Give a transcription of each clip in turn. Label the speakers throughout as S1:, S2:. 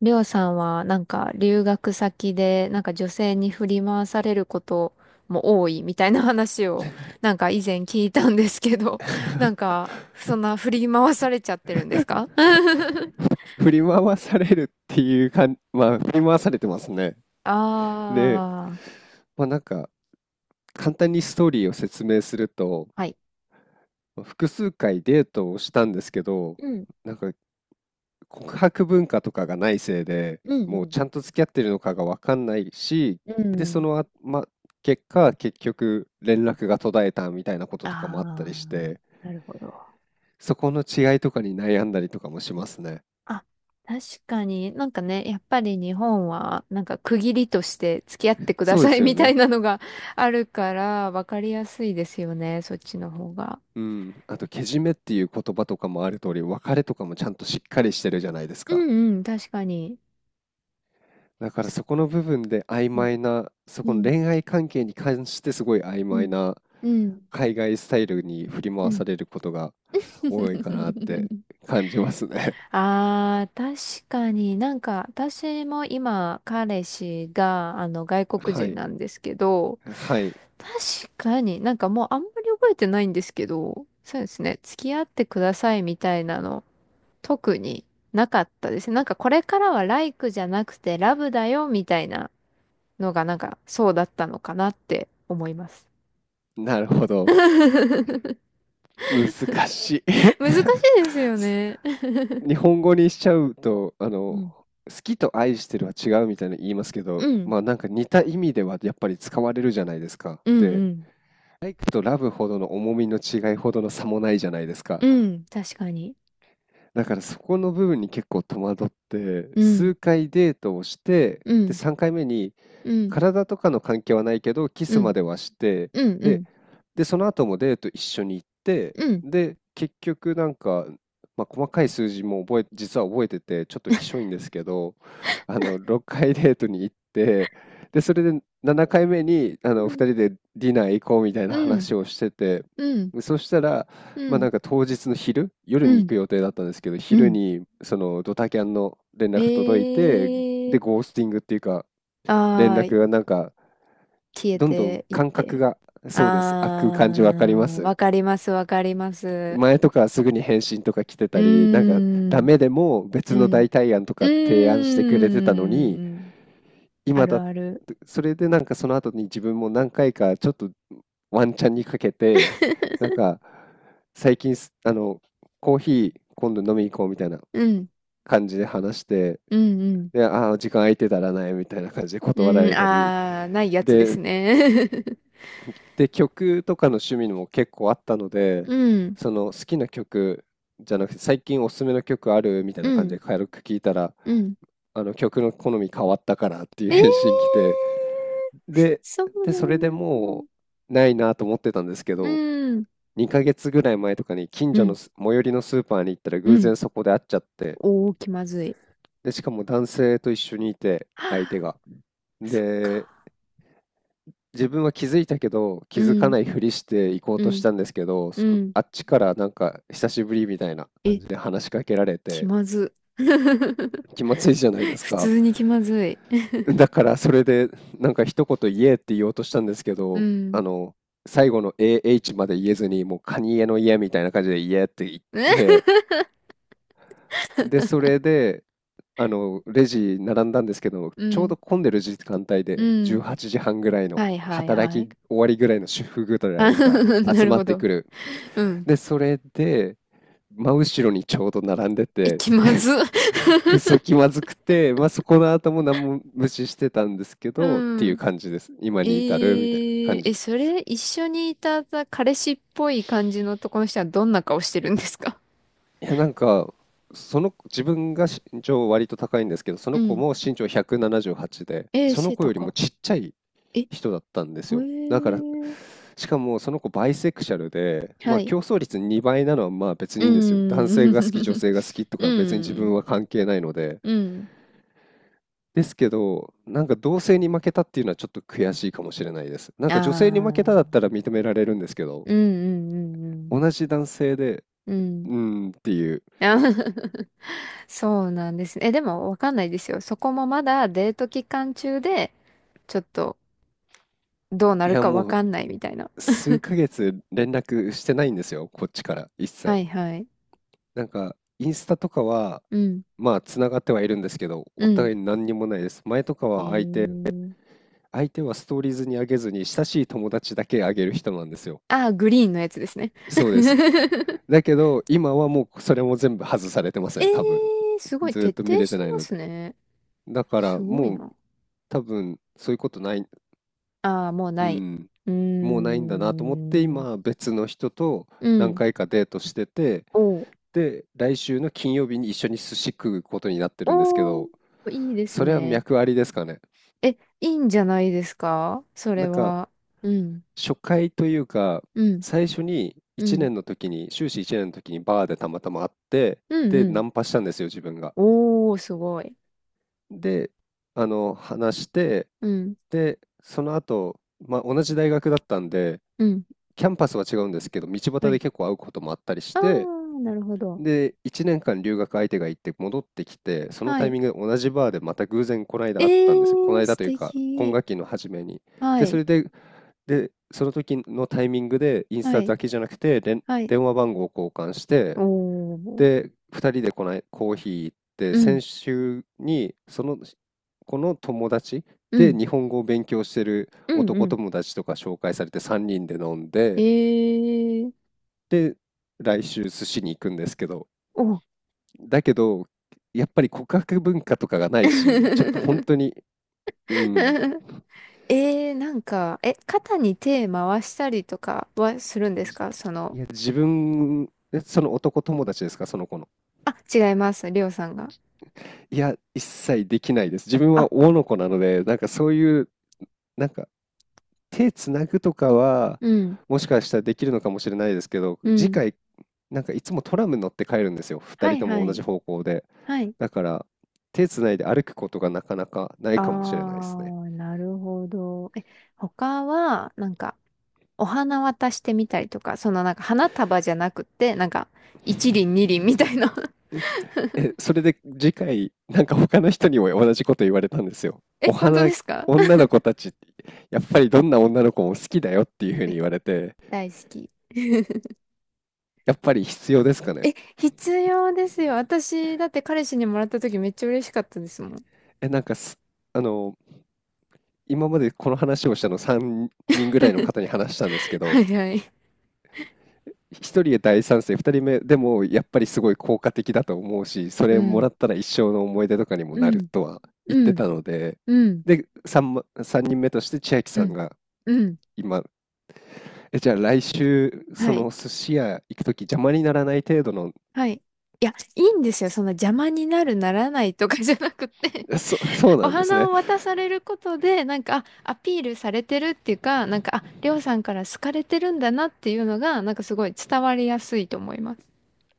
S1: りょうさんは留学先で女性に振り回されることも多いみたいな話を以前聞いたんですけど、そんな振り回されちゃってるんですか？
S2: 振り回されるっていうかん、まあ、振り回されてますね。
S1: あ
S2: で、
S1: あー、
S2: まあ、なんか、簡単にストーリーを説明すると、
S1: はい。
S2: 複数回デートをしたんですけど、
S1: うん、
S2: なんか告白文化とかがないせいで、
S1: う
S2: もうち
S1: ん、
S2: ゃんと付き合ってるのかがわかんないし、
S1: う
S2: で、
S1: ん。う
S2: そ
S1: ん。
S2: のあ、ま、結果、結局連絡が途絶えたみたいなこと
S1: あ
S2: とかもあったり
S1: あ、
S2: して、
S1: なるほど。
S2: そこの違いとかに悩んだりとかもしますね。
S1: あ、確かに、やっぱり日本は区切りとして付き合ってくだ
S2: そうで
S1: さい
S2: すよ
S1: みたい
S2: ね。
S1: なのが あるから分かりやすいですよね、そっちの方が。
S2: うん。あと、けじめっていう言葉とかもある通り、別れとかもちゃんとしっかりしてるじゃないです
S1: う
S2: か。
S1: んうん、確かに。
S2: だからそこの部分で曖
S1: うん、
S2: 昧な、そ
S1: う
S2: この
S1: ん、
S2: 恋愛関係に関してすごい曖
S1: う
S2: 昧
S1: ん、
S2: な
S1: うん。
S2: 海外スタイルに振り
S1: う
S2: 回
S1: ん。
S2: されることが多いかなって 感じますね。
S1: ああ、確かに私も今彼氏があの外国
S2: は
S1: 人
S2: い。
S1: なんですけど、
S2: はい。
S1: 確かにもうあんまり覚えてないんですけど、そうですね、付き合ってくださいみたいなの特になかったですね。これからはライクじゃなくてラブだよみたいなのがそうだったのかなって思います。
S2: なるほど。難し
S1: 難し
S2: い。
S1: いです よ
S2: す
S1: ね。
S2: 日本語にしちゃうと、あ
S1: う
S2: の、
S1: ん。
S2: 好きと愛してるは違うみたいな言いますけ
S1: う
S2: ど、
S1: ん。
S2: まあなんか似た意味ではやっぱり使われるじゃないですか。
S1: う
S2: で、
S1: んうん。
S2: とラブほどの重みの違いほどの差もないじゃないです
S1: う
S2: か。
S1: ん。確かに。
S2: だからそこの部分に結構戸惑って
S1: うん、
S2: 数回デートをして、
S1: う
S2: で、
S1: ん、
S2: 3回目に
S1: うん、
S2: 体とかの関係はないけどキ
S1: う
S2: スま
S1: ん、
S2: ではして、
S1: うん、う
S2: で、
S1: ん、
S2: で、その後もデート一緒に行って、
S1: うん、
S2: で、結局なんか、まあ、細かい数字も実は覚えててちょっときしょいんですけど、あの、6回デートに行って、で、それで7回目に、あ
S1: う
S2: の、
S1: ん、
S2: 2人でディナー行こうみたいな
S1: うん、
S2: 話をしてて、
S1: うん、
S2: そしたら、
S1: う
S2: まあ、な
S1: ん、
S2: んか当日の昼、夜
S1: う
S2: に行
S1: ん、
S2: く予定だったんですけど、
S1: う
S2: 昼
S1: ん。
S2: にそのドタキャンの連絡届い
S1: え
S2: て、で、
S1: ー、
S2: ゴースティングっていうか、連
S1: あー、
S2: 絡がなんか、
S1: 消え
S2: どんどん
S1: ていっ
S2: 感覚
S1: て。
S2: が、そうです、開
S1: あ
S2: く感じわかりま
S1: ー、
S2: す。
S1: わかります、わかります。
S2: 前とかすぐに返信とか来て
S1: うー
S2: たり、なんかダ
S1: ん、
S2: メでも別
S1: う
S2: の
S1: ん、
S2: 代替案と
S1: う
S2: か提案してくれてたのに、
S1: ーん。あ
S2: 今
S1: る
S2: だ
S1: ある。
S2: それでなんかその後に自分も何回かちょっとワンチャンにかけて、なんか最近あの、コーヒー今度飲み行こうみたいな
S1: うん、
S2: 感じで話して、
S1: うん、うん。
S2: で、ああ、時間空いてたらないみたいな感じで断ら
S1: うん、
S2: れたり、
S1: あー、ないやつです
S2: で、
S1: ね。
S2: 曲とかの趣味も結構あったので、
S1: うん、
S2: その好きな曲じゃなくて、最近おすすめの曲あるみたい
S1: う
S2: な感じ
S1: ん、
S2: で軽く聞いたら、
S1: うん。
S2: あの曲の好み変わったからっていう
S1: え
S2: 返信来
S1: ー、
S2: て、で、
S1: そうな
S2: それで
S1: ん
S2: も
S1: だ。
S2: うないなと思ってたんですけ
S1: う
S2: ど、
S1: ん。
S2: 2ヶ月ぐらい前とかに近
S1: う
S2: 所の
S1: ん。
S2: 最寄りのスーパーに行ったら
S1: う
S2: 偶
S1: ん。
S2: 然そこで会っちゃって、
S1: おー、気まずい。
S2: で、しかも男性と一緒にいて、相手
S1: は
S2: が。
S1: あ、そっ
S2: で、
S1: か。
S2: 自分は気づいたけど、気
S1: う
S2: づか
S1: ん。
S2: ないふりして行こう
S1: う
S2: とし
S1: ん。
S2: たんですけど、
S1: うん。
S2: あっちからなんか久しぶりみたいな感
S1: え、
S2: じで話しかけられ
S1: 気
S2: て、
S1: まず。
S2: 気まずいじゃないです
S1: 普
S2: か。
S1: 通に気まずい。
S2: だからそれでなんか一言言えって言おうとしたんですけ
S1: う
S2: ど、あ
S1: ん。
S2: の、最後の AH まで言えずに、もうカニエの家みたいな感じで言えって言って、で、それで、あの、レジ並んだんですけど、
S1: う
S2: ちょうど
S1: ん。
S2: 混んでる時間帯
S1: う
S2: で18
S1: ん。
S2: 時半ぐらいの
S1: はいはい
S2: 働
S1: は
S2: き
S1: い。
S2: 終わりぐらいの主婦ぐら
S1: あ
S2: いが
S1: な
S2: 集
S1: る
S2: まっ
S1: ほ
S2: て
S1: ど。
S2: くる。
S1: うん。
S2: で、それで、真後ろにちょうど並んで
S1: え、
S2: て、
S1: 気まず。
S2: くそ気まずくて、まあ、そこの後も何も無視してたんですけ
S1: う
S2: ど、っていう
S1: ん。
S2: 感じです。今
S1: え
S2: に至るみたいな感
S1: ー、え、
S2: じ。
S1: それ、一緒にいた彼氏っぽい感じの男の人はどんな顔してるんですか？
S2: いや、なんか、その自分が身長割と高いんですけど、そ
S1: う
S2: の子
S1: ん。
S2: も身長178で、
S1: えー、
S2: その
S1: 背
S2: 子よりも
S1: 高。
S2: ちっちゃい
S1: え、へえ。
S2: 人だったんですよ。だから、しかもその子バイセクシャルで、ま
S1: は
S2: あ
S1: い。
S2: 競争率2倍なのはまあ別
S1: う
S2: にいいんですよ。男性が好き、女
S1: ーん。
S2: 性が好きと
S1: う
S2: か別に自分
S1: ん。
S2: は関係ないので、
S1: うん。
S2: ですけど、なんか同性に負けたっていうのはちょっと悔しいかもしれないです。なん
S1: あ
S2: か女性に負けただっ
S1: あ。
S2: たら認められるんですけど、
S1: うんうんうん
S2: 同じ男性で、
S1: うん。うん。
S2: うーんっていう。
S1: あー そうなんですね。え、でもわかんないですよ。そこもまだデート期間中で、ちょっとどうな
S2: い
S1: る
S2: や、
S1: かわ
S2: もう
S1: かんないみたいな。
S2: 数ヶ月連絡してないんですよ、こっちから一
S1: は
S2: 切。
S1: いはい。
S2: なんか、インスタとかは、
S1: うん。
S2: まあ、つながってはいるんですけど、
S1: う
S2: お
S1: ん。
S2: 互い何にもないです。前とか
S1: え
S2: は相手、
S1: ー。
S2: 相手はストーリーズに上げずに、親しい友達だけ上げる人なんですよ。
S1: ああ、グリーンのやつですね。
S2: そうです。だけど、今はもうそれも全部外されてます
S1: え
S2: ね、多分。
S1: ー、すごい
S2: ずーっ
S1: 徹
S2: と見
S1: 底
S2: れ
S1: し
S2: て
S1: て
S2: ない
S1: ま
S2: の
S1: す
S2: で。
S1: ね。
S2: だから
S1: すごい
S2: もう
S1: な。
S2: 多分そういうことない、
S1: ああ、もう
S2: う
S1: ない。
S2: ん、
S1: うー
S2: もうないんだなと思って、
S1: ん。
S2: 今別の人と
S1: う
S2: 何
S1: ん。
S2: 回かデートしてて、
S1: おう、
S2: で、来週の金曜日に一緒に寿司食うことになってるんですけ
S1: お
S2: ど、
S1: ー、いいです
S2: それは
S1: ね。
S2: 脈ありですかね？
S1: え、いいんじゃないですかそ
S2: な
S1: れ
S2: んか
S1: は？うん。
S2: 初回というか、
S1: うん。
S2: 最初に
S1: う
S2: 1
S1: ん。
S2: 年の時に、修士1年の時にバーでたまたま会って、
S1: うん
S2: で、
S1: う
S2: ナ
S1: ん。
S2: ンパしたんですよ、自分が。
S1: おー、すごい。
S2: で、あの、話して、
S1: うん。
S2: で、その後、まあ、同じ大学だったんで、
S1: うん。
S2: キャンパスは違うんですけど、道
S1: は
S2: 端で
S1: い。
S2: 結構会うこともあったりし
S1: あ
S2: て、
S1: ー、なるほど。
S2: で、1年間留学相手が行って戻ってきて、その
S1: は
S2: タイ
S1: い。
S2: ミングで同じバーでまた偶然この間
S1: え
S2: 会ったんですよ。この
S1: ー、
S2: 間
S1: 素
S2: というか、今
S1: 敵。
S2: 学期の初めに。
S1: は
S2: で、そ
S1: い。
S2: れで、で、その時のタイミングで、インス
S1: は
S2: タ
S1: い。
S2: だけじゃなくて、
S1: はい。
S2: 電話番号を交換して、
S1: おー。
S2: で、2人でこないコーヒー行って、
S1: う
S2: 先
S1: ん。
S2: 週に、その子の友達
S1: う
S2: で
S1: ん。
S2: 日本語を勉強してる
S1: うんう
S2: 男
S1: ん。
S2: 友達とか紹介されて3人で飲んで、
S1: えー。
S2: で、来週寿司に行くんですけど、
S1: お。
S2: だけど、やっぱり告白文化とかがないし、ちょっと本 当に、うん、
S1: えー、え、肩に手回したりとかはするんです
S2: じ
S1: かその、
S2: いや、自分、その男友達ですか、その子の。
S1: あ、違います、りょうさんが。
S2: いや、一切できないです。自分
S1: あ、
S2: は男の子なので、なんかそういう、なんか手つなぐとかは、
S1: うん、
S2: もしかしたらできるのかもしれないですけど、
S1: う
S2: 次
S1: ん。
S2: 回、なんかいつもトラム乗って帰るんですよ。二
S1: は
S2: 人
S1: い
S2: と
S1: は
S2: も同
S1: い、
S2: じ方向で。
S1: はい。
S2: だから、手つないで歩くことがなかなかな
S1: あ
S2: いかもしれないですね。
S1: ー、なるほど。え、他は、お花渡してみたりとか、その花束じゃなくて、一輪二輪みたいな。
S2: え、それで次回、なんか他の人にも同じこと言われたんですよ。
S1: え、
S2: お
S1: 本当
S2: 花、
S1: ですか？
S2: 女 の子たち、やっぱりどんな女の子も好きだよっていうふうに
S1: え、
S2: 言われて、
S1: 大好き。
S2: やっぱり必要ですかね？
S1: え、必要ですよ。私、だって彼氏にもらった時めっちゃ嬉しかったですもん。
S2: え、なんか、あの、今までこの話をしたの3人ぐらいの方に話したんですけ
S1: は
S2: ど、
S1: いはい。
S2: 1人で大賛成、2人目でもやっぱりすごい効果的だと思うし、そ
S1: う
S2: れも
S1: ん。
S2: らったら一生の思い出とかにも
S1: う
S2: なる
S1: ん、
S2: とは言っ
S1: う
S2: て
S1: ん、
S2: たので、
S1: うん、
S2: で、3、 3人目として千秋
S1: う
S2: さん
S1: ん、
S2: が
S1: うん。
S2: 今、え、じゃあ来週、
S1: は
S2: そ
S1: い、
S2: の寿司屋行くとき邪魔にならない程度の、
S1: はい。いや、いいんですよ。そんな邪魔になる、ならないとかじゃなくて
S2: そ う
S1: お
S2: なんです
S1: 花
S2: ね。
S1: を渡されることで、あ、アピールされてるっていうか、あ、りょうさんから好かれてるんだなっていうのが、すごい伝わりやすいと思います。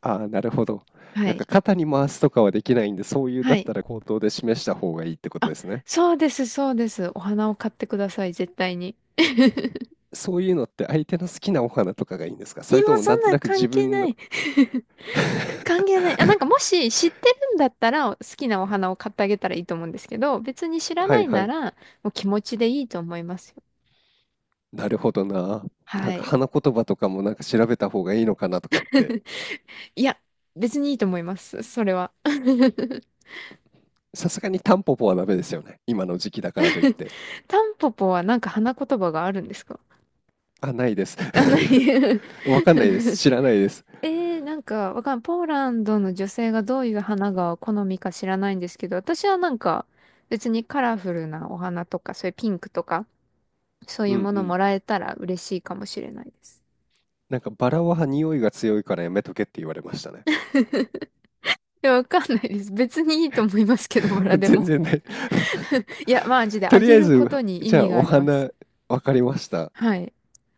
S2: ああ、なるほど。
S1: は
S2: なん
S1: い、
S2: か肩に回すとかはできないんで、そういう
S1: は
S2: だっ
S1: い。
S2: たら口頭で示した方がいいってこと
S1: あ、
S2: ですね。
S1: そうです、そうです。お花を買ってください、絶対に。
S2: そういうのって相手の好きなお花とかがいいんですか、それと
S1: 今
S2: も
S1: そ
S2: なん
S1: ん
S2: と
S1: な
S2: なく自
S1: 関係
S2: 分
S1: な
S2: の、
S1: い。 関係ない。あ、もし知ってるんだったら好きなお花を買ってあげたらいいと思うんですけど、別に知ら
S2: は
S1: な
S2: い
S1: い
S2: は
S1: な
S2: い。
S1: らもう気持ちでいいと思いますよ。
S2: なるほどな。なん
S1: は
S2: か
S1: い。
S2: 花言葉とかもなんか調べた方がいいのかなとかって。
S1: いや、別にいいと思います。それは。
S2: さすがにタンポポはダメですよね。今の時期だからといって。
S1: タンポポは花言葉があるんですか？
S2: あ、ないです。
S1: あ、ない。
S2: わかんないです。知らないです。
S1: えー、なんかわかんポーランドの女性がどういう花が好みか知らないんですけど、私は別にカラフルなお花とか、そういうピンクとか、そうい
S2: うん
S1: う
S2: う
S1: もの
S2: ん。
S1: もらえたら嬉しいかもしれないです。
S2: なんかバラは匂いが強いからやめとけって言われましたね。
S1: や、わかんないです。別にいいと思いますけど、バラ で
S2: 全
S1: も。
S2: 然ない。
S1: いや、マジ で、あ
S2: とり
S1: げ
S2: あえ
S1: るこ
S2: ず、
S1: とに意
S2: じゃ
S1: 味
S2: あ
S1: が
S2: お
S1: あります。
S2: 花、わかりました。
S1: はい。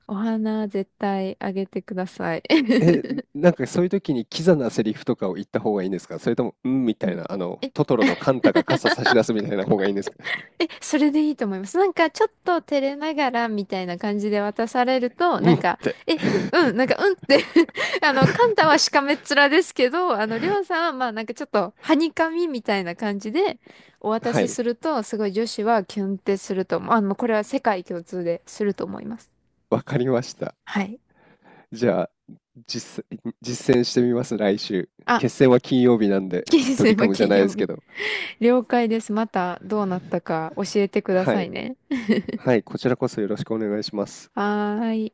S1: お花、絶対あげてください。
S2: え、なんかそういう時にキザなセリフとかを言った方がいいんですか、それとも、うん、み
S1: う
S2: たい
S1: ん、
S2: な、あの、
S1: え
S2: トトロのカンタが傘差し出すみたいな方がいいんですか、
S1: え、それでいいと思います。ちょっと照れながらみたいな感じで渡されると、
S2: うんって。
S1: え、うん、うんって あの、カンタはしかめっ面ですけど、あの、りょうさんは、まあ、ちょっと、はにかみみたいな感じで、お渡
S2: は
S1: し
S2: い、
S1: すると、すごい女子はキュンってすると思う。あの、これは世界共通ですると思います。
S2: わかりました。
S1: はい。
S2: じゃあ、実践してみます、来週。
S1: あ、
S2: 決戦は金曜日なんで、
S1: 金
S2: ド
S1: 星
S2: リカ
S1: は
S2: ムじゃ
S1: 金
S2: ないで
S1: 曜
S2: すけ
S1: 日。
S2: ど。
S1: 了解です。また、どうなったか教えてくだ
S2: は
S1: さ
S2: い。
S1: いね。
S2: はい、こちらこそよろしくお願いします。
S1: はーい。